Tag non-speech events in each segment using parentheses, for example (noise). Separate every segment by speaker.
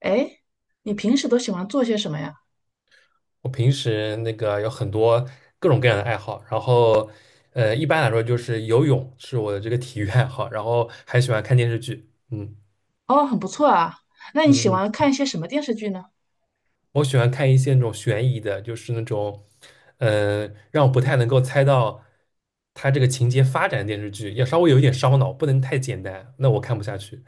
Speaker 1: 哎，你平时都喜欢做些什么呀？
Speaker 2: 我平时那个有很多各种各样的爱好，然后一般来说就是游泳是我的这个体育爱好，然后还喜欢看电视剧。嗯
Speaker 1: 哦，很不错啊。那你喜
Speaker 2: 嗯
Speaker 1: 欢
Speaker 2: 嗯，
Speaker 1: 看一些什么电视剧呢？
Speaker 2: 我喜欢看一些那种悬疑的，就是那种呃让我不太能够猜到它这个情节发展的电视剧，要稍微有一点烧脑，不能太简单，那我看不下去。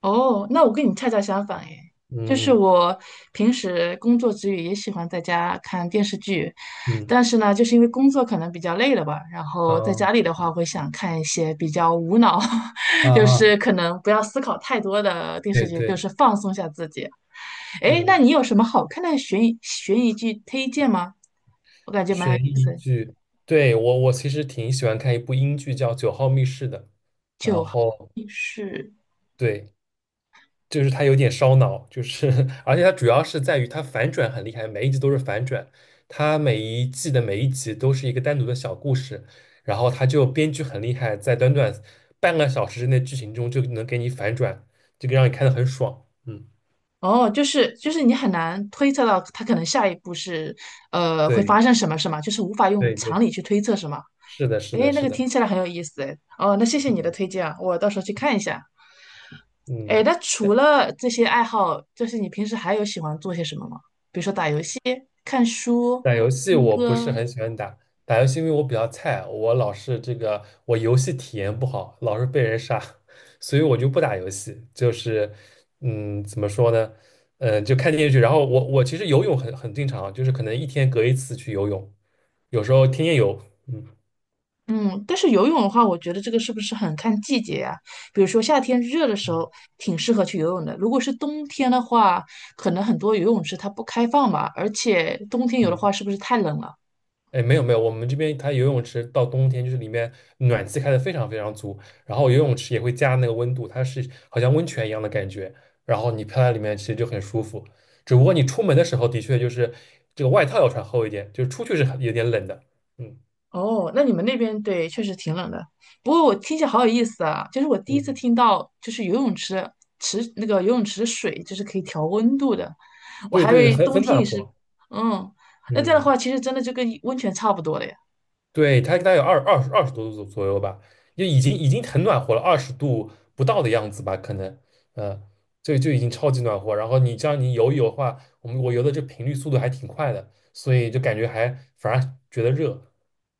Speaker 1: 哦，那我跟你恰恰相反诶，就是
Speaker 2: 嗯
Speaker 1: 我平时工作之余也喜欢在家看电视剧，
Speaker 2: 嗯
Speaker 1: 但是呢，就是因为工作可能比较累了吧，然后在
Speaker 2: 啊
Speaker 1: 家里的话会想看一些比较无脑，
Speaker 2: 啊，
Speaker 1: (laughs) 就
Speaker 2: 啊，
Speaker 1: 是可能不要思考太多的电视
Speaker 2: 对
Speaker 1: 剧，就
Speaker 2: 对。
Speaker 1: 是放松一下自己。哎，那
Speaker 2: 嗯。
Speaker 1: 你有什么好看的悬疑剧推荐吗？我感觉蛮
Speaker 2: 悬
Speaker 1: 有
Speaker 2: 疑剧，对，我其实挺喜欢看一部英剧叫《九号密室》的。然
Speaker 1: 就。
Speaker 2: 后
Speaker 1: 是。
Speaker 2: 对，就是它有点烧脑，就是 (laughs) 而且它主要是在于它反转很厉害，每一集都是反转，它每一季的每一集都是一个单独的小故事，然后它就编剧很厉害，在短短半个小时之内剧情中就能给你反转，这个让你看得很爽。嗯，
Speaker 1: 哦，就是你很难推测到他可能下一步是，会发
Speaker 2: 对
Speaker 1: 生什么，是吗？就是无法用
Speaker 2: 对
Speaker 1: 常
Speaker 2: 对，
Speaker 1: 理去推测，是吗？
Speaker 2: 是的，是的，
Speaker 1: 诶，那
Speaker 2: 是
Speaker 1: 个
Speaker 2: 的，
Speaker 1: 听起来很有意思，诶。哦，那谢
Speaker 2: 是
Speaker 1: 谢你的
Speaker 2: 的。
Speaker 1: 推荐啊，我到时候去看一下。诶，
Speaker 2: 嗯。
Speaker 1: 那除了这些爱好，就是你平时还有喜欢做些什么吗？比如说打游戏、看书、
Speaker 2: 打游戏
Speaker 1: 听
Speaker 2: 我不是
Speaker 1: 歌。
Speaker 2: 很喜欢打，打游戏因为我比较菜，我老是这个我游戏体验不好，老是被人杀，(laughs) 所以我就不打游戏。就是怎么说呢？就看电视剧。然后我其实游泳很经常啊，就是可能一天隔一次去游泳，有时候天天游。嗯
Speaker 1: 嗯，但是游泳的话，我觉得这个是不是很看季节呀、比如说夏天热的时候，
Speaker 2: 嗯
Speaker 1: 挺适合去游泳的。如果是冬天的话，可能很多游泳池它不开放吧，而且冬天游的话，
Speaker 2: 嗯，
Speaker 1: 是不是太冷了？
Speaker 2: 哎，没有没有，我们这边它游泳池到冬天就是里面暖气开的非常非常足，然后游泳池也会加那个温度，它是好像温泉一样的感觉，然后你飘在里面其实就很舒服。只不过你出门的时候的确就是这个外套要穿厚一点，就是出去是很有点冷的。嗯
Speaker 1: 哦，那你们那边对，确实挺冷的。不过我听起来好有意思啊，就是我第一次
Speaker 2: 嗯，
Speaker 1: 听到，就是游泳池那个游泳池的水就是可以调温度的，我
Speaker 2: 对
Speaker 1: 还以
Speaker 2: 对对，
Speaker 1: 为
Speaker 2: 很
Speaker 1: 冬
Speaker 2: 很
Speaker 1: 天
Speaker 2: 暖
Speaker 1: 也是。
Speaker 2: 和。
Speaker 1: 嗯，那这样的
Speaker 2: 嗯。
Speaker 1: 话，其实真的就跟温泉差不多了呀。
Speaker 2: 对，它大概有二十多度左右吧，就已经很暖和了，20度不到的样子吧，可能，呃，就已经超级暖和。然后你这样你游一游的话，我游的这频率速度还挺快的，所以就感觉还反而觉得热。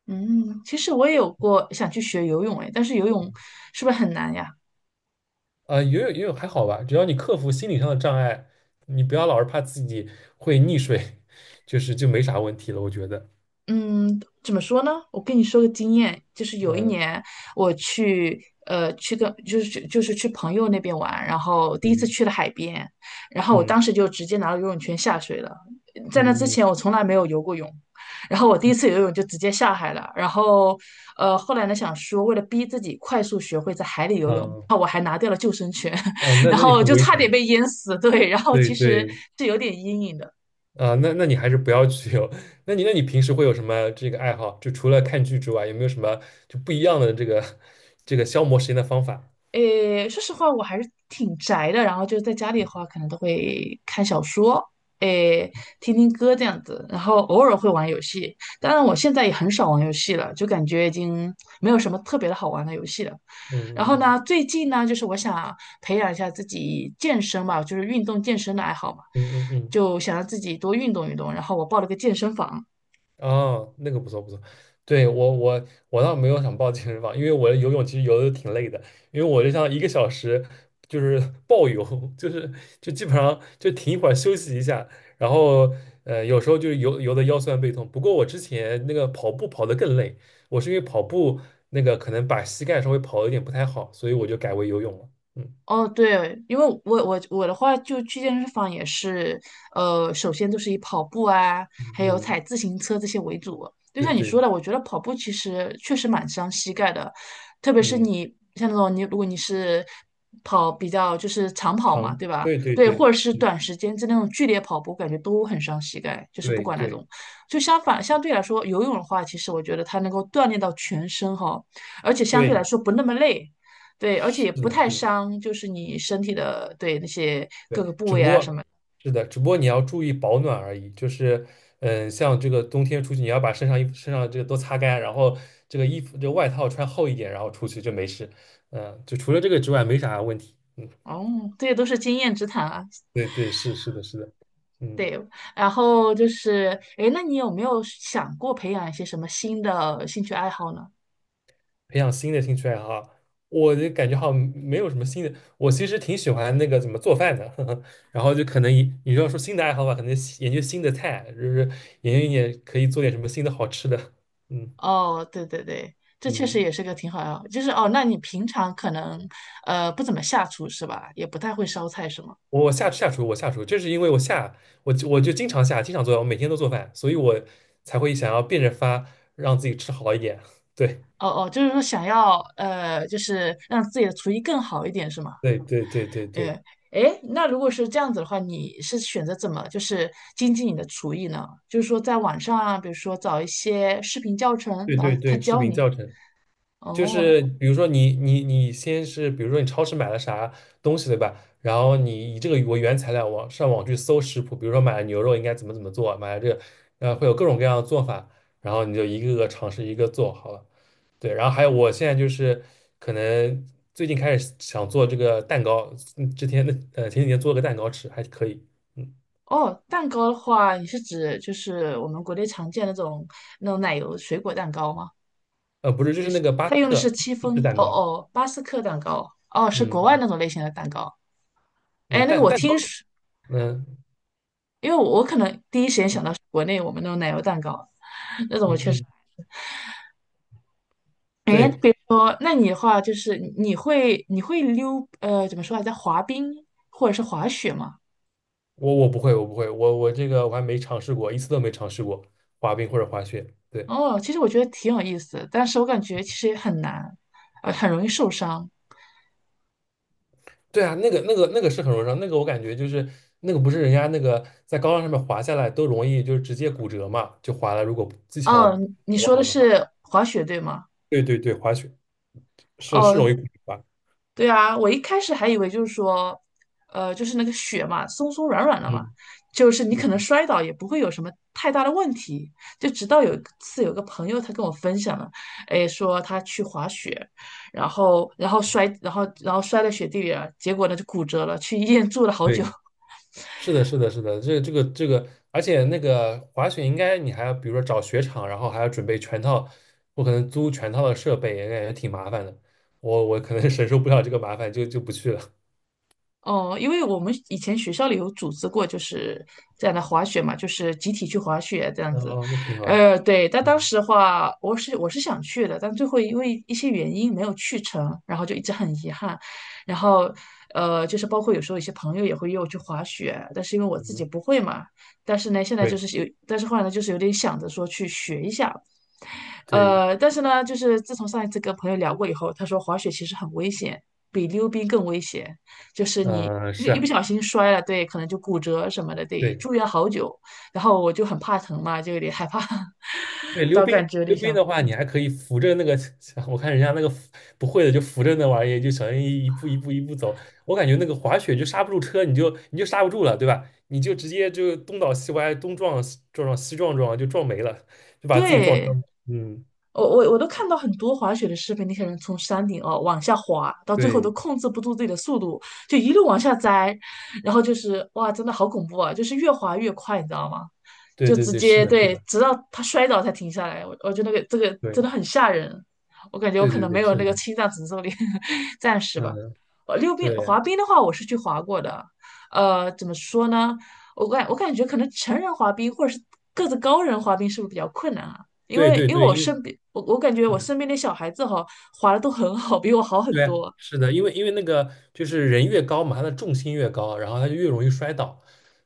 Speaker 1: 嗯，其实我也有过想去学游泳，哎，但是游泳是不是很难呀？
Speaker 2: 游泳游泳还好吧，只要你克服心理上的障碍，你不要老是怕自己会溺水，(laughs) 就是就没啥问题了，我觉得。
Speaker 1: 嗯，怎么说呢？我跟你说个经验，就是有一
Speaker 2: 嗯
Speaker 1: 年我去，呃，去跟就是去就是去朋友那边玩，然后第一次
Speaker 2: 嗯
Speaker 1: 去了海边，然后我当
Speaker 2: 嗯
Speaker 1: 时就直接拿了游泳圈下水了。在那之
Speaker 2: 嗯
Speaker 1: 前我从来没有游过泳，然后我第一次游泳就直接下海了。然后，后来呢想说为了逼自己快速学会在海里游泳，
Speaker 2: 嗯
Speaker 1: 然后我还拿掉了救生圈，
Speaker 2: 嗯，
Speaker 1: (laughs)
Speaker 2: 那
Speaker 1: 然
Speaker 2: 那你
Speaker 1: 后
Speaker 2: 很
Speaker 1: 就
Speaker 2: 危
Speaker 1: 差点
Speaker 2: 险。
Speaker 1: 被淹死。对，然后
Speaker 2: 对
Speaker 1: 其实
Speaker 2: 对。
Speaker 1: 是有点阴影的。
Speaker 2: 啊，那你还是不要去游。(laughs) 那你平时会有什么这个爱好？就除了看剧之外，有没有什么就不一样的这个 (laughs) 这个消磨时间的方法？
Speaker 1: 诶，说实话，我还是挺宅的。然后就是在家里的话，可能都会看小说，诶，听听歌这样子。然后偶尔会玩游戏，当然我现在也很少玩游戏了，就感觉已经没有什么特别的好玩的游戏了。
Speaker 2: 嗯
Speaker 1: 然后
Speaker 2: 嗯
Speaker 1: 呢，最近呢，就是我想培养一下自己健身吧，就是运动健身的爱好嘛，
Speaker 2: 嗯嗯嗯嗯。
Speaker 1: 就想让自己多运动运动。然后我报了个健身房，
Speaker 2: 哦，那个不错不错，对，我倒没有想报健身房，因为我游泳其实游的挺累的，因为我就像一个小时就是暴游，(laughs) 就是就基本上就停一会儿休息一下，然后有时候就是游游的腰酸背痛。不过我之前那个跑步跑的更累，我是因为跑步那个可能把膝盖稍微跑的有点不太好，所以我就改为游泳了。嗯
Speaker 1: 哦，对，因为我的话，就去健身房也是，首先都是以跑步啊，还有
Speaker 2: 嗯，
Speaker 1: 踩自行车这些为主。就
Speaker 2: 对
Speaker 1: 像你说
Speaker 2: 对，
Speaker 1: 的，我觉得跑步其实确实蛮伤膝盖的，特别是
Speaker 2: 嗯，
Speaker 1: 你像那种你，如果你是跑比较就是长跑嘛，
Speaker 2: 长，
Speaker 1: 对吧？
Speaker 2: 对对
Speaker 1: 对，或
Speaker 2: 对。
Speaker 1: 者是
Speaker 2: 嗯。
Speaker 1: 短时间之内那种剧烈跑步，感觉都很伤膝盖，就是不
Speaker 2: 对
Speaker 1: 管那
Speaker 2: 对
Speaker 1: 种。就相反，相对来说，游泳的话，其实我觉得它能够锻炼到全身哈，而且相对来
Speaker 2: 对，
Speaker 1: 说不那么累。对，而且
Speaker 2: 是
Speaker 1: 也不
Speaker 2: 的
Speaker 1: 太
Speaker 2: 是的。
Speaker 1: 伤，就是你身体的，对，那些各
Speaker 2: 对，
Speaker 1: 个部
Speaker 2: 只不
Speaker 1: 位啊什
Speaker 2: 过，
Speaker 1: 么。
Speaker 2: 是的，只不过你要注意保暖而已。就是。嗯，像这个冬天出去，你要把身上衣服、身上这个都擦干，然后这个衣服、这个外套穿厚一点，然后出去就没事。嗯，就除了这个之外，没啥问题。嗯，
Speaker 1: 哦，这些都是经验之谈啊。
Speaker 2: 对对，是是的，是的。嗯。
Speaker 1: 对，然后就是，诶，那你有没有想过培养一些什么新的兴趣爱好呢？
Speaker 2: 培养新的兴趣爱好，我就感觉好像没有什么新的。我其实挺喜欢那个怎么做饭的，(laughs) 呵呵，然后就可能你要说新的爱好吧，可能研究新的菜，就是研究一点可以做点什么新的好吃的。嗯
Speaker 1: 哦，对对对，这确实
Speaker 2: 嗯。
Speaker 1: 也是个挺好的，就是哦，那你平常可能不怎么下厨是吧？也不太会烧菜是吗？
Speaker 2: 我下下厨，我下厨，这是因为我下，我就经常下，经常做饭，我每天都做饭，所以我才会想要变着法让自己吃好一点。(laughs) 对
Speaker 1: 哦哦，就是说想要就是让自己的厨艺更好一点是吗？
Speaker 2: 对对对对对
Speaker 1: 哎哎，那如果是这样子的话，你是选择怎么就是精进你的厨艺呢？就是说在网上啊，比如说找一些视频教程，
Speaker 2: 对
Speaker 1: 然
Speaker 2: 对
Speaker 1: 后他
Speaker 2: 对，视
Speaker 1: 教
Speaker 2: 频
Speaker 1: 你。
Speaker 2: 教程。就
Speaker 1: 哦
Speaker 2: 是比如说你先是比如说你超市买了啥东西对吧？然后你以这个为原材料网上网去搜食谱，比如说买了牛肉应该怎么怎么做，买了这个会有各种各样的做法，然后你就一个个尝试一个做好了。对，然后还有我现在就是可能最近开始想做这个蛋糕。嗯之前的前几天做了个蛋糕吃还可以。嗯。
Speaker 1: 哦，蛋糕的话，你是指就是我们国内常见那种奶油水果蛋糕吗？
Speaker 2: 不是就是那个巴
Speaker 1: 他
Speaker 2: 斯
Speaker 1: 用的是
Speaker 2: 克
Speaker 1: 戚
Speaker 2: 芝士
Speaker 1: 风，
Speaker 2: 蛋
Speaker 1: 哦
Speaker 2: 糕。
Speaker 1: 哦，巴斯克蛋糕，哦，是国外
Speaker 2: 嗯
Speaker 1: 那种类型的蛋糕。
Speaker 2: 那
Speaker 1: 哎，那个
Speaker 2: 蛋
Speaker 1: 我
Speaker 2: 蛋糕。
Speaker 1: 听说，
Speaker 2: 嗯
Speaker 1: 因为我可能第一时间想到是国内我们那种奶油蛋糕，(laughs) 那种
Speaker 2: 嗯
Speaker 1: 我确实。
Speaker 2: 嗯，
Speaker 1: 哎，诶
Speaker 2: 对。
Speaker 1: 比如说，那你的话就是你会溜怎么说来着滑冰或者是滑雪吗？
Speaker 2: 我不会，我不会，我这个我还没尝试过，一次都没尝试过滑冰或者滑雪。对。
Speaker 1: 哦，其实我觉得挺有意思的但是我感觉其实也很难，很容易受伤。
Speaker 2: 对啊，那个是很容易伤，那个我感觉就是那个不是人家那个在高浪上面滑下来都容易就是直接骨折嘛，就滑了。如果技巧
Speaker 1: 哦，你
Speaker 2: 不
Speaker 1: 说的
Speaker 2: 好的话，
Speaker 1: 是滑雪对吗？
Speaker 2: 对对对，滑雪是容
Speaker 1: 哦，
Speaker 2: 易骨折吧？
Speaker 1: 对啊，我一开始还以为就是说，就是那个雪嘛，松松软软的嘛，
Speaker 2: 嗯
Speaker 1: 就是你
Speaker 2: 嗯，
Speaker 1: 可能摔倒也不会有什么太大的问题。就直到有一次，有个朋友他跟我分享了，哎，说他去滑雪，然后然后摔，然后然后摔在雪地里了，结果呢就骨折了，去医院住了好久。
Speaker 2: 对。
Speaker 1: (laughs)
Speaker 2: 是的，是的，是的，这个这个这个，而且那个滑雪应该你还要，比如说找雪场，然后还要准备全套，我可能租全套的设备，也感觉挺麻烦的。我可能 (laughs) 承受不了这个麻烦，就不去了。
Speaker 1: 哦，因为我们以前学校里有组织过，就是这样的滑雪嘛，就是集体去滑雪这
Speaker 2: (laughs)
Speaker 1: 样子。
Speaker 2: 哦，那挺好。
Speaker 1: 对，但当
Speaker 2: 嗯
Speaker 1: 时的话，我是想去的，但最后因为一些原因没有去成，然后就一直很遗憾。然后，就是包括有时候一些朋友也会约我去滑雪，但是因为我自己
Speaker 2: 嗯，
Speaker 1: 不会嘛，但是呢，现在就
Speaker 2: 对
Speaker 1: 是有，但是后来呢，就是有点想着说去学一下。
Speaker 2: 对，
Speaker 1: 但是呢，就是自从上一次跟朋友聊过以后，他说滑雪其实很危险，比溜冰更危险。就是你一个
Speaker 2: 是
Speaker 1: 一不
Speaker 2: 啊，
Speaker 1: 小心摔了，对，可能就骨折什么的，得
Speaker 2: 对。
Speaker 1: 住院好久。然后我就很怕疼嘛，就有点害怕，(laughs)
Speaker 2: 对，溜
Speaker 1: 到
Speaker 2: 冰，
Speaker 1: 感觉有点
Speaker 2: 溜冰
Speaker 1: 想
Speaker 2: 的话，
Speaker 1: 放
Speaker 2: 你
Speaker 1: 弃。
Speaker 2: 还可以扶着那个，(laughs) 我看人家那个扶不会的就扶着那玩意就小心翼翼一步一步一步走。我感觉那个滑雪就刹不住车，你就刹不住了，对吧？你就直接就东倒西歪，东撞西撞撞西撞撞，就撞没了，就把自己撞伤
Speaker 1: 对，
Speaker 2: 了。嗯，
Speaker 1: 我都看到很多滑雪的视频，那些人从山顶哦往下滑，到最后都
Speaker 2: 对
Speaker 1: 控制不住自己的速度，就一路往下栽，然后就是哇，真的好恐怖啊！就是越滑越快，你知道吗？
Speaker 2: 对
Speaker 1: 就
Speaker 2: 对
Speaker 1: 直
Speaker 2: 对，是
Speaker 1: 接
Speaker 2: 的，是
Speaker 1: 对，
Speaker 2: 的，
Speaker 1: 直到他摔倒才停下来。我觉得那个这个真的
Speaker 2: 对
Speaker 1: 很吓人，我感觉我
Speaker 2: 对
Speaker 1: 可
Speaker 2: 对
Speaker 1: 能没
Speaker 2: 对，
Speaker 1: 有那
Speaker 2: 是
Speaker 1: 个
Speaker 2: 的。
Speaker 1: 心脏承受力，(laughs) 暂时吧。
Speaker 2: 嗯。
Speaker 1: 溜冰
Speaker 2: 对
Speaker 1: 滑冰的话，我是去滑过的。怎么说呢？我感觉可能成人滑冰或者是个子高人滑冰是不是比较困难啊？因
Speaker 2: 对
Speaker 1: 为
Speaker 2: 对
Speaker 1: 因为
Speaker 2: 对，
Speaker 1: 我
Speaker 2: 因为。
Speaker 1: 身边，我我感觉
Speaker 2: 是
Speaker 1: 我
Speaker 2: 的。
Speaker 1: 身边的小孩子哈，滑的都很好，比我好很
Speaker 2: 对，
Speaker 1: 多。
Speaker 2: 是的，因为那个就是人越高嘛，他的重心越高，然后他就越容易摔倒。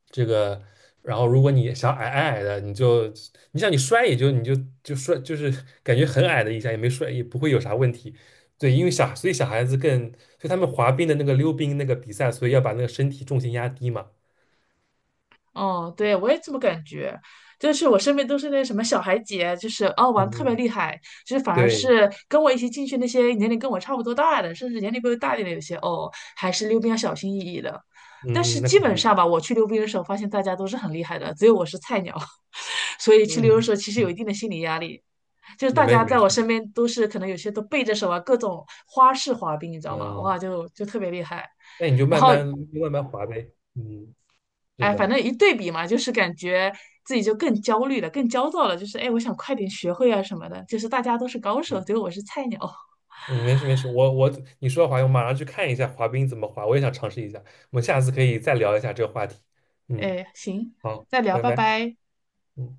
Speaker 2: 这个，然后如果你想矮矮的，你就你想你摔也就你就摔，就是感觉很矮的一下也没摔，也不会有啥问题。对，因为小所以小孩子更，所以他们滑冰的那个溜冰那个比赛，所以要把那个身体重心压低嘛。
Speaker 1: 嗯，对，我也这么感觉，就是我身边都是那什么小孩姐，就是哦玩得特别
Speaker 2: 嗯，
Speaker 1: 厉害，就是反而
Speaker 2: 对，
Speaker 1: 是跟我一起进去那些年龄跟我差不多大的，甚至年龄比我大一点的，有些哦还是溜冰要小心翼翼的。但
Speaker 2: 嗯，
Speaker 1: 是
Speaker 2: 嗯那
Speaker 1: 基
Speaker 2: 肯
Speaker 1: 本上
Speaker 2: 定，
Speaker 1: 吧，我去溜冰的时候，发现大家都是很厉害的，只有我是菜鸟，(laughs) 所以去溜的
Speaker 2: 嗯，
Speaker 1: 时候其实有一定的心理压力。就是
Speaker 2: 那
Speaker 1: 大
Speaker 2: 没
Speaker 1: 家
Speaker 2: 没
Speaker 1: 在
Speaker 2: 事，
Speaker 1: 我身边都是可能有些都背着手啊，各种花式滑冰，你知道吗？哇，
Speaker 2: 啊。
Speaker 1: 就特别厉害。
Speaker 2: 那你就
Speaker 1: 然
Speaker 2: 慢
Speaker 1: 后
Speaker 2: 慢慢慢滑呗。嗯，是
Speaker 1: 哎，反
Speaker 2: 的。
Speaker 1: 正一对比嘛，就是感觉自己就更焦虑了，更焦躁了。就是哎，我想快点学会啊什么的。就是大家都是高手，
Speaker 2: 对。
Speaker 1: 结果我是菜鸟。
Speaker 2: 嗯，没事没事，我你说的滑冰，我马上去看一下滑冰怎么滑，我也想尝试一下。我们下次可以再聊一下这个话题。嗯，
Speaker 1: 哎，行，
Speaker 2: 好，
Speaker 1: 再聊，
Speaker 2: 拜
Speaker 1: 拜
Speaker 2: 拜。
Speaker 1: 拜。
Speaker 2: 嗯。